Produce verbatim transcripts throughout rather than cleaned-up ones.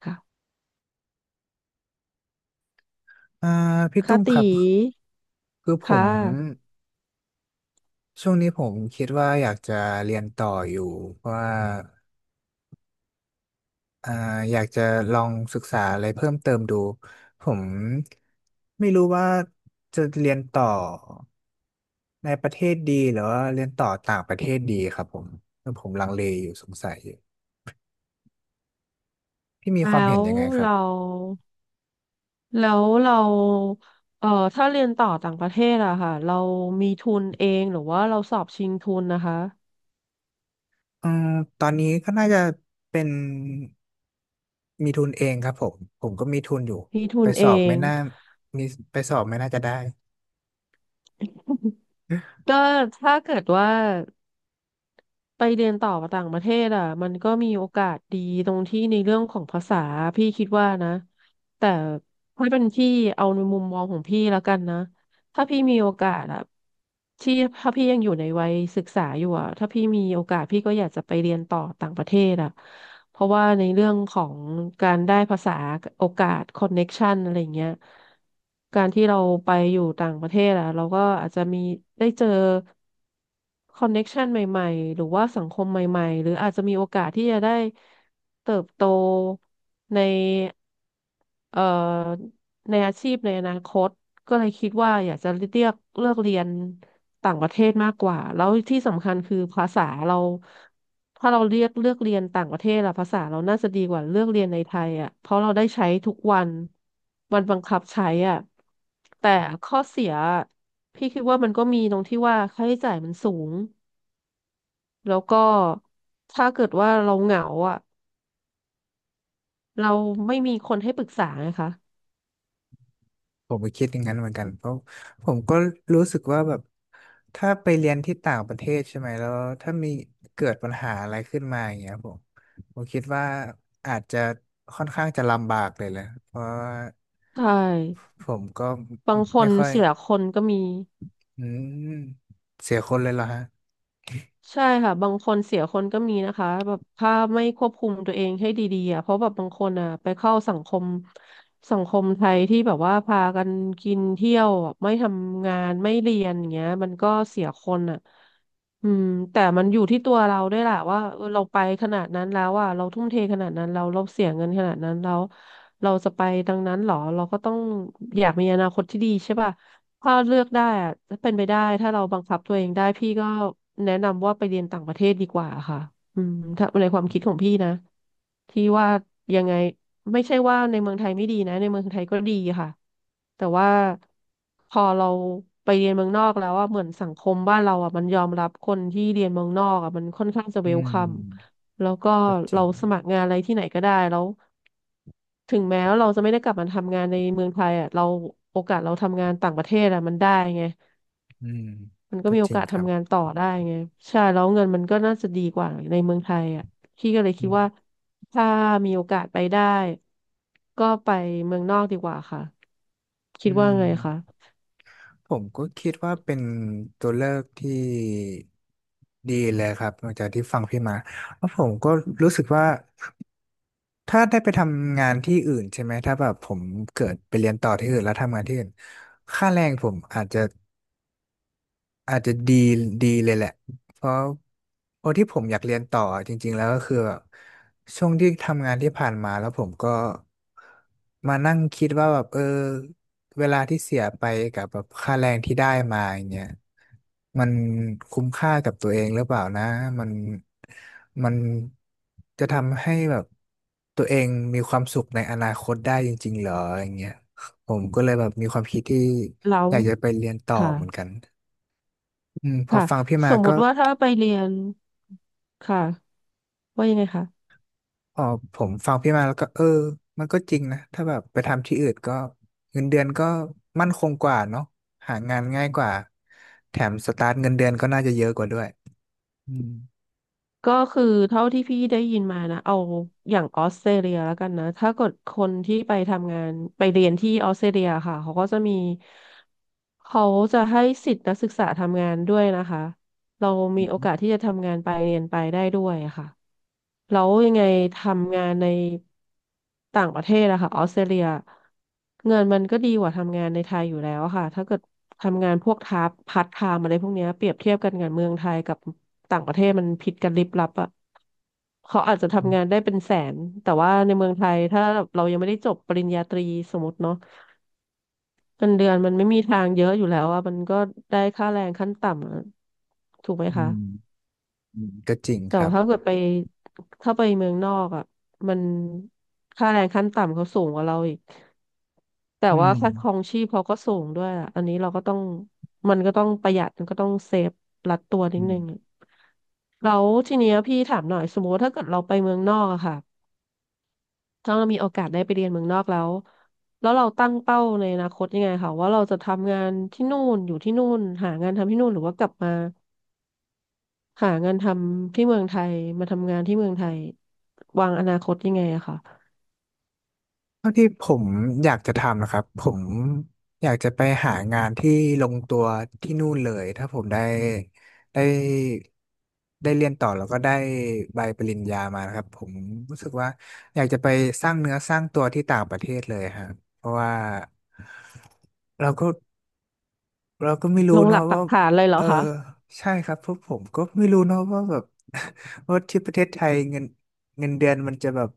ค่ะอ่าพี่ตุ้ค่ะมคตีรับคือผค่มะช่วงนี้ผมคิดว่าอยากจะเรียนต่ออยู่เพราะว่าอ่าอยากจะลองศึกษาอะไรเพิ่มเติมดูผมไม่รู้ว่าจะเรียนต่อในประเทศดีหรือว่าเรียนต่อต่างประเทศดีครับผมคือผมลังเลอยู่สงสัยอยู่พี่มีความแล้เห็นวยังไงครับเราแล้วเราเอ่อถ้าเรียนต่อต่างประเทศอะค่ะเรามีทุนเองหรือว่าเราสอบชิงทุนนะคะอืมตอนนี้ก็น่าจะเป็นมีทุนเองครับผมผมก็มีทุนอยู่มีทุไปนสเออบไม่ง น่ามีไปสอบไม่น่าจะได้ ก็ถ้าเกิดว่าไปเรียนต่อต่างประเทศอะมันก็มีโอกาสดีตรงที่ในเรื่องของภาษาพี่คิดว่านะแต่ถ้าเป็นพี่เอาในมุมมองของพี่แล้วกันนะ ถ้าพี่มีโอกาสอะที่ถ้าพี่ยังอยู่ในวัยศึกษาอยู่อะถ้าพี่มีโอกาสพี่ก็อยากจะไปเรียนต่อต่างประเทศอะเพราะว่าในเรื่องของการได้ภาษาโอกาสคอนเน็กชันอะไรเงี้ยการที่เราไปอยู่ต่างประเทศอะเราก็อาจจะมีได้เจอคอนเน็กชันใหม่ๆหรือว่าสังคมใหม่ๆหรืออาจจะมีโอกาสที่จะได้เติบโตใน เอ่อในอาชีพในอนาคตก็เลยคิดว่าอยากจะเลือกเลือกเรียนต่างประเทศมากกว่าแล้วที่สำคัญคือภาษาเราถ้าเราเรียกเลือกเรียนต่างประเทศอะภาษาเราน่าจะดีกว่าเลือกเรียนในไทยอะเพราะเราได้ใช้ทุกวันมันบังคับใช้อะแต่ข้อเสียพี่คิดว่ามันก็มีตรงที่ว่าค่าใช้จ่ายมันสูงแล้วก็ถ้าเกิดว่าเราเหงาอะเราไม่มีคนให้ปรึกษาไงคะผมก็คิดอย่างนั้นเหมือนกันเพราะผมก็รู้สึกว่าแบบถ้าไปเรียนที่ต่างประเทศใช่ไหมแล้วถ้ามีเกิดปัญหาอะไรขึ้นมาอย่างเงี้ยผมผมคิดว่าอาจจะค่อนข้างจะลำบากเลยแหละเพราะว่าใช่ ผมก็บางคไม่นค่อยเสียคนก็มีอืมเสียคนเลยเหรอฮะใช่ค่ะบางคนเสียคนก็มีนะคะแบบถ้าไม่ควบคุมตัวเองให้ดีๆอ่ะเพราะแบบบางคนอ่ะไปเข้าสังคมสังคมไทยที่แบบว่าพากันกินเที่ยวอ่ะไม่ทำงานไม่เรียนอย่างเงี้ยมันก็เสียคนอ่ะอืมแต่มันอยู่ที่ตัวเราด้วยแหละว่าเออเราไปขนาดนั้นแล้วอ่ะเราทุ่มเทขนาดนั้นเราเราเสียเงินขนาดนั้นแล้วเราจะไปดังนั้นเหรอเราก็ต้องอยากมีอนาคตที่ดีใช่ป่ะ ถ้าเลือกได้อะถ้าเป็นไปได้ถ้าเราบังคับตัวเองได้พี่ก็แนะนำว่าไปเรียนต่างประเทศดีกว่าค่ะอืมถ้าในความคิดของพี่นะที่ว่ายังไงไม่ใช่ว่าในเมืองไทยไม่ดีนะในเมืองไทยก็ดีค่ะแต่ว่าพอเราไปเรียนเมืองนอกแล้วอะเหมือนสังคมบ้านเราอะมันยอมรับคนที่เรียนเมืองนอกอะมันค่อนข้างจะอืเวลคัม มแล้วก็ก็จริเรางสมัครงานอะไรที่ไหนก็ได้แล้วถึงแม้ว่าเราจะไม่ได้กลับมาทำงานในเมืองไทยอ่ะเราโอกาสเราทำงานต่างประเทศอ่ะมันได้ไงอืมมันก็ก็มีโอจริงกาสครับทำงานต่อได้ไงใช่แล้วเงินมันก็น่าจะดีกว่าในเมืองไทยอ่ะพี่ก็เลยคิดอืว่ามถ้ามีโอกาสไปได้ก็ไปเมืองนอกดีกว่าค่ะคิอืดว่าไงคะม ผมก็คิดว่าเป็นตัวเลือกที่ดีเลยครับหลังจากที่ฟังพี่มาแล้วผมก็รู้สึกว่าถ้าได้ไปทำงานที่อื่นใช่ไหมถ้าแบบผมเกิดไปเรียนต่อที่อื่นแล้วทำงานที่อื่นค่าแรงผมอาจจะอาจจะดีดีเลยแหละเพราะเพราะที่ผมอยากเรียนต่อจริงๆแล้วก็คือแบบช่วงที่ทำงานที่ผ่านมาแล้วผมก็มานั่งคิดว่าแบบเออเวลาที่เสียไปกับแบบค่าแรงที่ได้มาอย่างเงี้ย มันคุ้มค่ากับตัวเองหรือเปล่านะมันมันจะทำให้แบบตัวเองมีความสุขในอนาคตได้จริงๆเหรออย่างเงี้ยผมก็เลยแบบมีความคิดที่แล้วอยากจะไปเรียนต่อค่ะเหมือนกันอืมพอค่ะฟังพี่สมามมก็ติว่าถ้าไปเรียนค่ะว่ายังไงคะ พอผมฟังพี่มาแล้วก็เออมันก็จริงนะถ้าแบบไปทำที่อื่นก็เงินเดือนก็มั่นคงกว่าเนาะหางานง่ายกว่าแถมสตาร์ทเงินเดือนก็น่าจะเยอะกว่าด้วยอืมก็คือเท่าที่พี่ได้ยินมานะเอาอย่างออสเตรเลียแล้วกันนะถ้าเกิดคนที่ไปทำงานไปเรียนที่ออสเตรเลียค่ะเขาก็จะมีเขาจะให้สิทธินักศึกษาทำงานด้วยนะคะ เรามีโอกาสที่จะทำงานไปเรียนไปได้ด้วยอะค่ะแล้วยังไงทำงานในต่างประเทศอะค่ะออสเตรเลียเงินมันก็ดีกว่าทำงานในไทยอยู่แล้วอะค่ะถ้าเกิดทำงานพวกทาร์พาร์ทไทม์อะไรพวกเนี้ยเปรียบเทียบกันกับเมืองไทยกับต่างประเทศมันผิดกันลิบลับอะเขาอาจจะทำงานได้เป็นแสนแต่ว่าในเมืองไทยถ้าเรายังไม่ได้จบปริญญาตรีสมมติเนาะเงินเดือนมันไม่มีทางเยอะอยู่แล้วอ่ะมันก็ได้ค่าแรงขั้นต่ำอะถูกไหมอืคะ มอืมก็จริงแต่ครัว่าบ ถ้าเกิดไปถ้าไปเมืองนอกอ่ะมันค่าแรงขั้นต่ำเขาสูงกว่าเราอีกแต่อืว่ามค่าครองชีพเขาก็สูงด้วยอะอันนี้เราก็ต้องมันก็ต้องประหยัดมันก็ต้องเซฟรัดตัวนิดอืนึงอะมแล้วทีเนี้ยพี่ถามหน่อยสมมติว่าถ้าเกิดเราไปเมืองนอกอะค่ะถ้าเรามีโอกาสได้ไปเรียนเมืองนอกแล้วแล้วเราตั้งเป้าในอนาคตยังไงค่ะว่าเราจะทำงานที่นู่นอยู่ที่นู่นหางานทำที่นู่นหรือว่ากลับมา หางานทำที่เมืองไทยมาทำงานที่เมืองไทยวางอนาคตยังไงอะคะเท่าที่ผมอยากจะทำนะครับผมอยากจะไปหางานที่ลงตัวที่นู่นเลยถ้าผมได้ได้ได้เรียนต่อแล้วก็ได้ใบปริญญามานะครับผมรู้สึกว่าอยากจะไปสร้างเนื้อสร้างตัวที่ต่างประเทศเลยฮะเพราะว่าเราก็เราก็ไม่รู้ลงหเนาะลักปัว่ากฐานเลยเหรเอออคะใช่ครับเพราะผมก็ไม่รู้เนาะว่าแบบ ว่าที่ประเทศไทยเงินเงินเดือนมันจะแบบ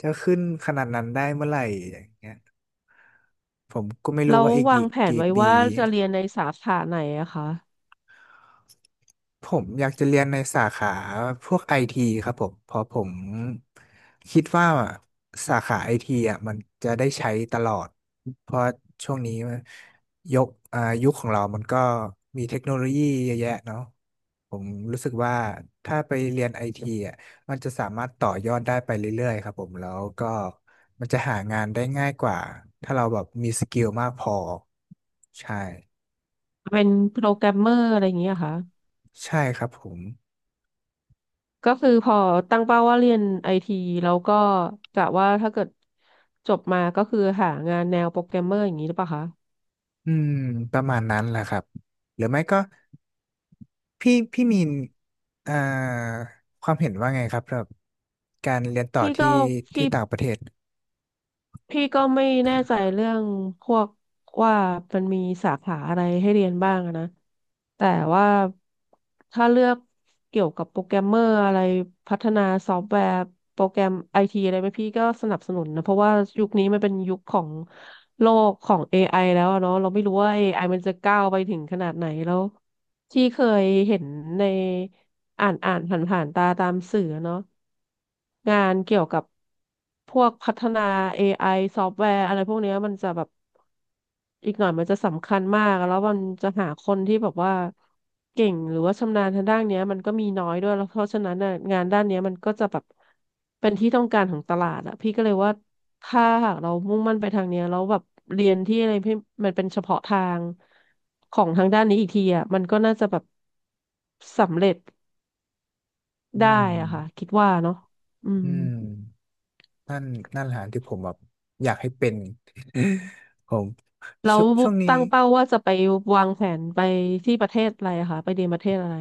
จะขึ้นขนาดนั้นได้เมื่อไหร่อย่างเงี้ยผมก็ไม่รู้เราวว่าอีกวากี่งแผนกี่ไว้ปี ว่าจะเรียนในสาขาไหนอะคะผมอยากจะเรียนในสาขาพวกไอทีครับผมเพราะผมคิดว่าสาขาไอทีอ่ะมันจะได้ใช้ตลอดเพราะช่วงนี้ยกอ่ายุคของเรามันก็มีเทคโนโลยีเยอะแยะเนาะผมรู้สึกว่าถ้าไปเรียนไอทีอ่ะมันจะสามารถต่อยอดได้ไปเรื่อยๆครับผมแล้วก็มันจะหางานได้ง่ายกว่าถ้าเราแบบมีสกิลมากพอใช่เป็นโปรแกรมเมอร์อะไรอย่างเงี้ยค่ะใช่ครับผม ก็คือพอตั้งเป้าว่าเรียนไอทีแล้วก็กะว่าถ้าเกิดจบมาก็คือหางานแนวโปรแกรมเมอร์อย่างนี้หรือเปล่าคะอืมประมาณนั้นแหละครับหรือไม่ก็พี่พี่มีนเอ่อความเห็นว่าไงครับสำหรับการเรียนต่อพี่ก็ที่ที่พี่ ต่างประเทศพี่ก็ไม่แน่ใจเรื่องพวกว่ามันมีสาขาอะไรให้เรียนบ้างอะนะแต่ว่าถ้าเลือกเกี่ยวกับโปรแกรมเมอร์อะไรพัฒนาซอฟต์แวร์โปรแกรมไอทีอะไรไหมพี่ก็สนับสนุนนะเพราะว่ายุคนี้มันเป็นยุคของโลกของ เอ ไอ แล้วอะเนาะเราไม่รู้ว่า เอ ไอ มันจะก้าวไปถึงขนาดไหนแล้ว ที่เคยเห็นในอ่านอ่านผ่านผ่านตาตามสื่อเนาะงานเกี่ยวกับพวกพัฒนา เอ ไอ ซอฟต์แวร์อะไรพวกเนี้ยมันจะแบบ อีกหน่อยมันจะสำคัญมากแล้วมันจะหาคนที่แบบว่าเก่งหรือว่าชำนาญทางด้านเนี้ยมันก็มีน้อยด้วยแล้วเพราะฉะนั้นน่ะงานด้านเนี้ยมันก็จะแบบเป็นที่ต้องการของตลาดอะพี่ก็เลยว่าถ้าหากเรามุ่งมั่นไปทางเนี้ยแล้วแบบเรียนที่อะไรพี่มันเป็นเฉพาะทางของทางด้านนี้อีกทีอะมันก็น่าจะแบบสำเร็จอืได้อะค่ะมคิดว่าเนาะอือืม มนั่นนั่นแหละที่ผมแบบอยากให้เป็น แล้ชววงช่วงนี้ตั้งเป้าว่าจะไปวางแผนไปที่ประเทศอะไรอะคะไปเรียนประเทศอะไร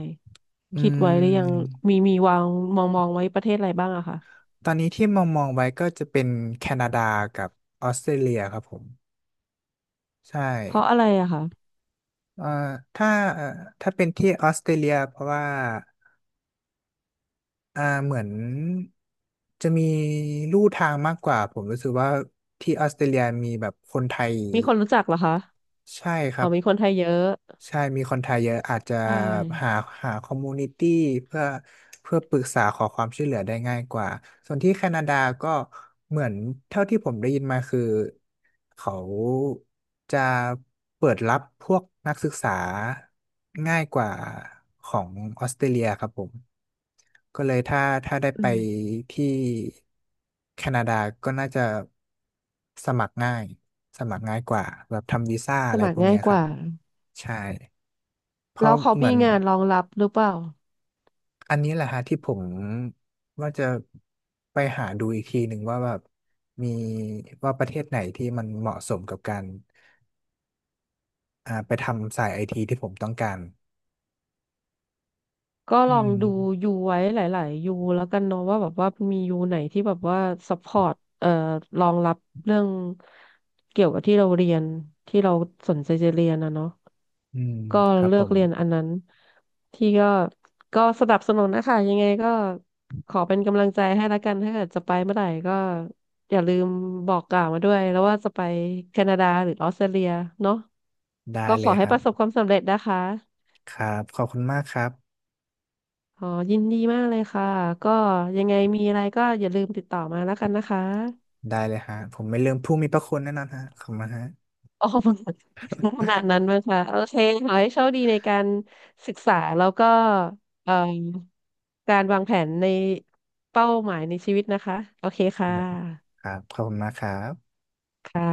อืคิดไว้หรือยังมมีมีวางมองมองไว้ประเทศอะไรบ้างอะคะตอนนี้ที่มองมองไว้ก็จะเป็นแคนาดากับออสเตรเลียครับผมใช่เพราะอะไรอะคะเอ่อถ้าเอ่อถ้าเป็นที่ออสเตรเลียเพราะว่า อ่าเหมือนจะมีลู่ทางมากกว่าผมรู้สึกว่าที่ออสเตรเลียมีแบบคนไทยมีคนรู้จักเหรอคะใช่ครัอ๋อบมีคนไทยเยอะใช่มีคนไทยเยอะอาจจะใช่แบบหาหาคอมมูนิตี้เพื่อเพื่อปรึกษาขอความช่วยเหลือได้ง่ายกว่าส่วนที่แคนาดาก็เหมือนเท่าที่ผมได้ยินมาคือเขาจะเปิดรับพวกนักศึกษาง่ายกว่าของออสเตรเลียครับผม ก็เลยถ้าถ้าได้อืไปมที่แคนาดาก็น่าจะสมัครง่ายสมัครง่ายกว่าแบบทำวีซ่าสอะไรมัคพรวกง่าเนี้ยยกครับว่าใช่เพแล้ราะวเขาเหมืมีอนงานรองรับหรือเปล่าอันนี้แหละฮะที่ผมว่าจะไปหาดูอีกทีหนึ่งว่าแบบมีว่าประเทศไหนที่มันเหมาะสมกับการอ่าไปทำสายไอทีที่ผมต้องการก็ลอืองมดูยูไว้หลายๆยูแล้วกันเนาะว่าแบบว่ามียูไหนที่แบบว่าซัพพอร์ตเอ่อรองรับเรื่องเกี่ยวกับที่เราเรียนที่เราสนใจจะเรียนนะเนาะ อืมก็ครับเลืผอกมเรียนอันนั้นที่ก็ก็สนับสนุนนะคะยังไงก็ขอเป็นกำลังใจให้ละกันถ้าเกิดจะไปเมื่อไหร่ก็อย่าลืมบอกกล่าวมาด้วยแล้วว่าจะไปแคนาดาหรือออสเตรเลียเนาะได้ก็เลขอยให้ครัปบระสบความสำเร็จนะคะครับขอบคุณมากครับ อ๋อยินดีมากเลยค่ะก็ยังไงมีอะไรก็อย่าลืมติดต่อมาแล้วกันนะคะ ได้เลยฮะผมไม่ลืมผู้มีพระคุณแน่นอนฮะขอบคุณมากฮะอ๋อ ขนาดนั้นมั้งคะโอเคขอให้โชคดีในการศึกษาแล้วก็เอ่อการวางแผนในเป้าหมายในชีวิตนะคะโอเคค่ะครับขอบคุณมากครับค่ะ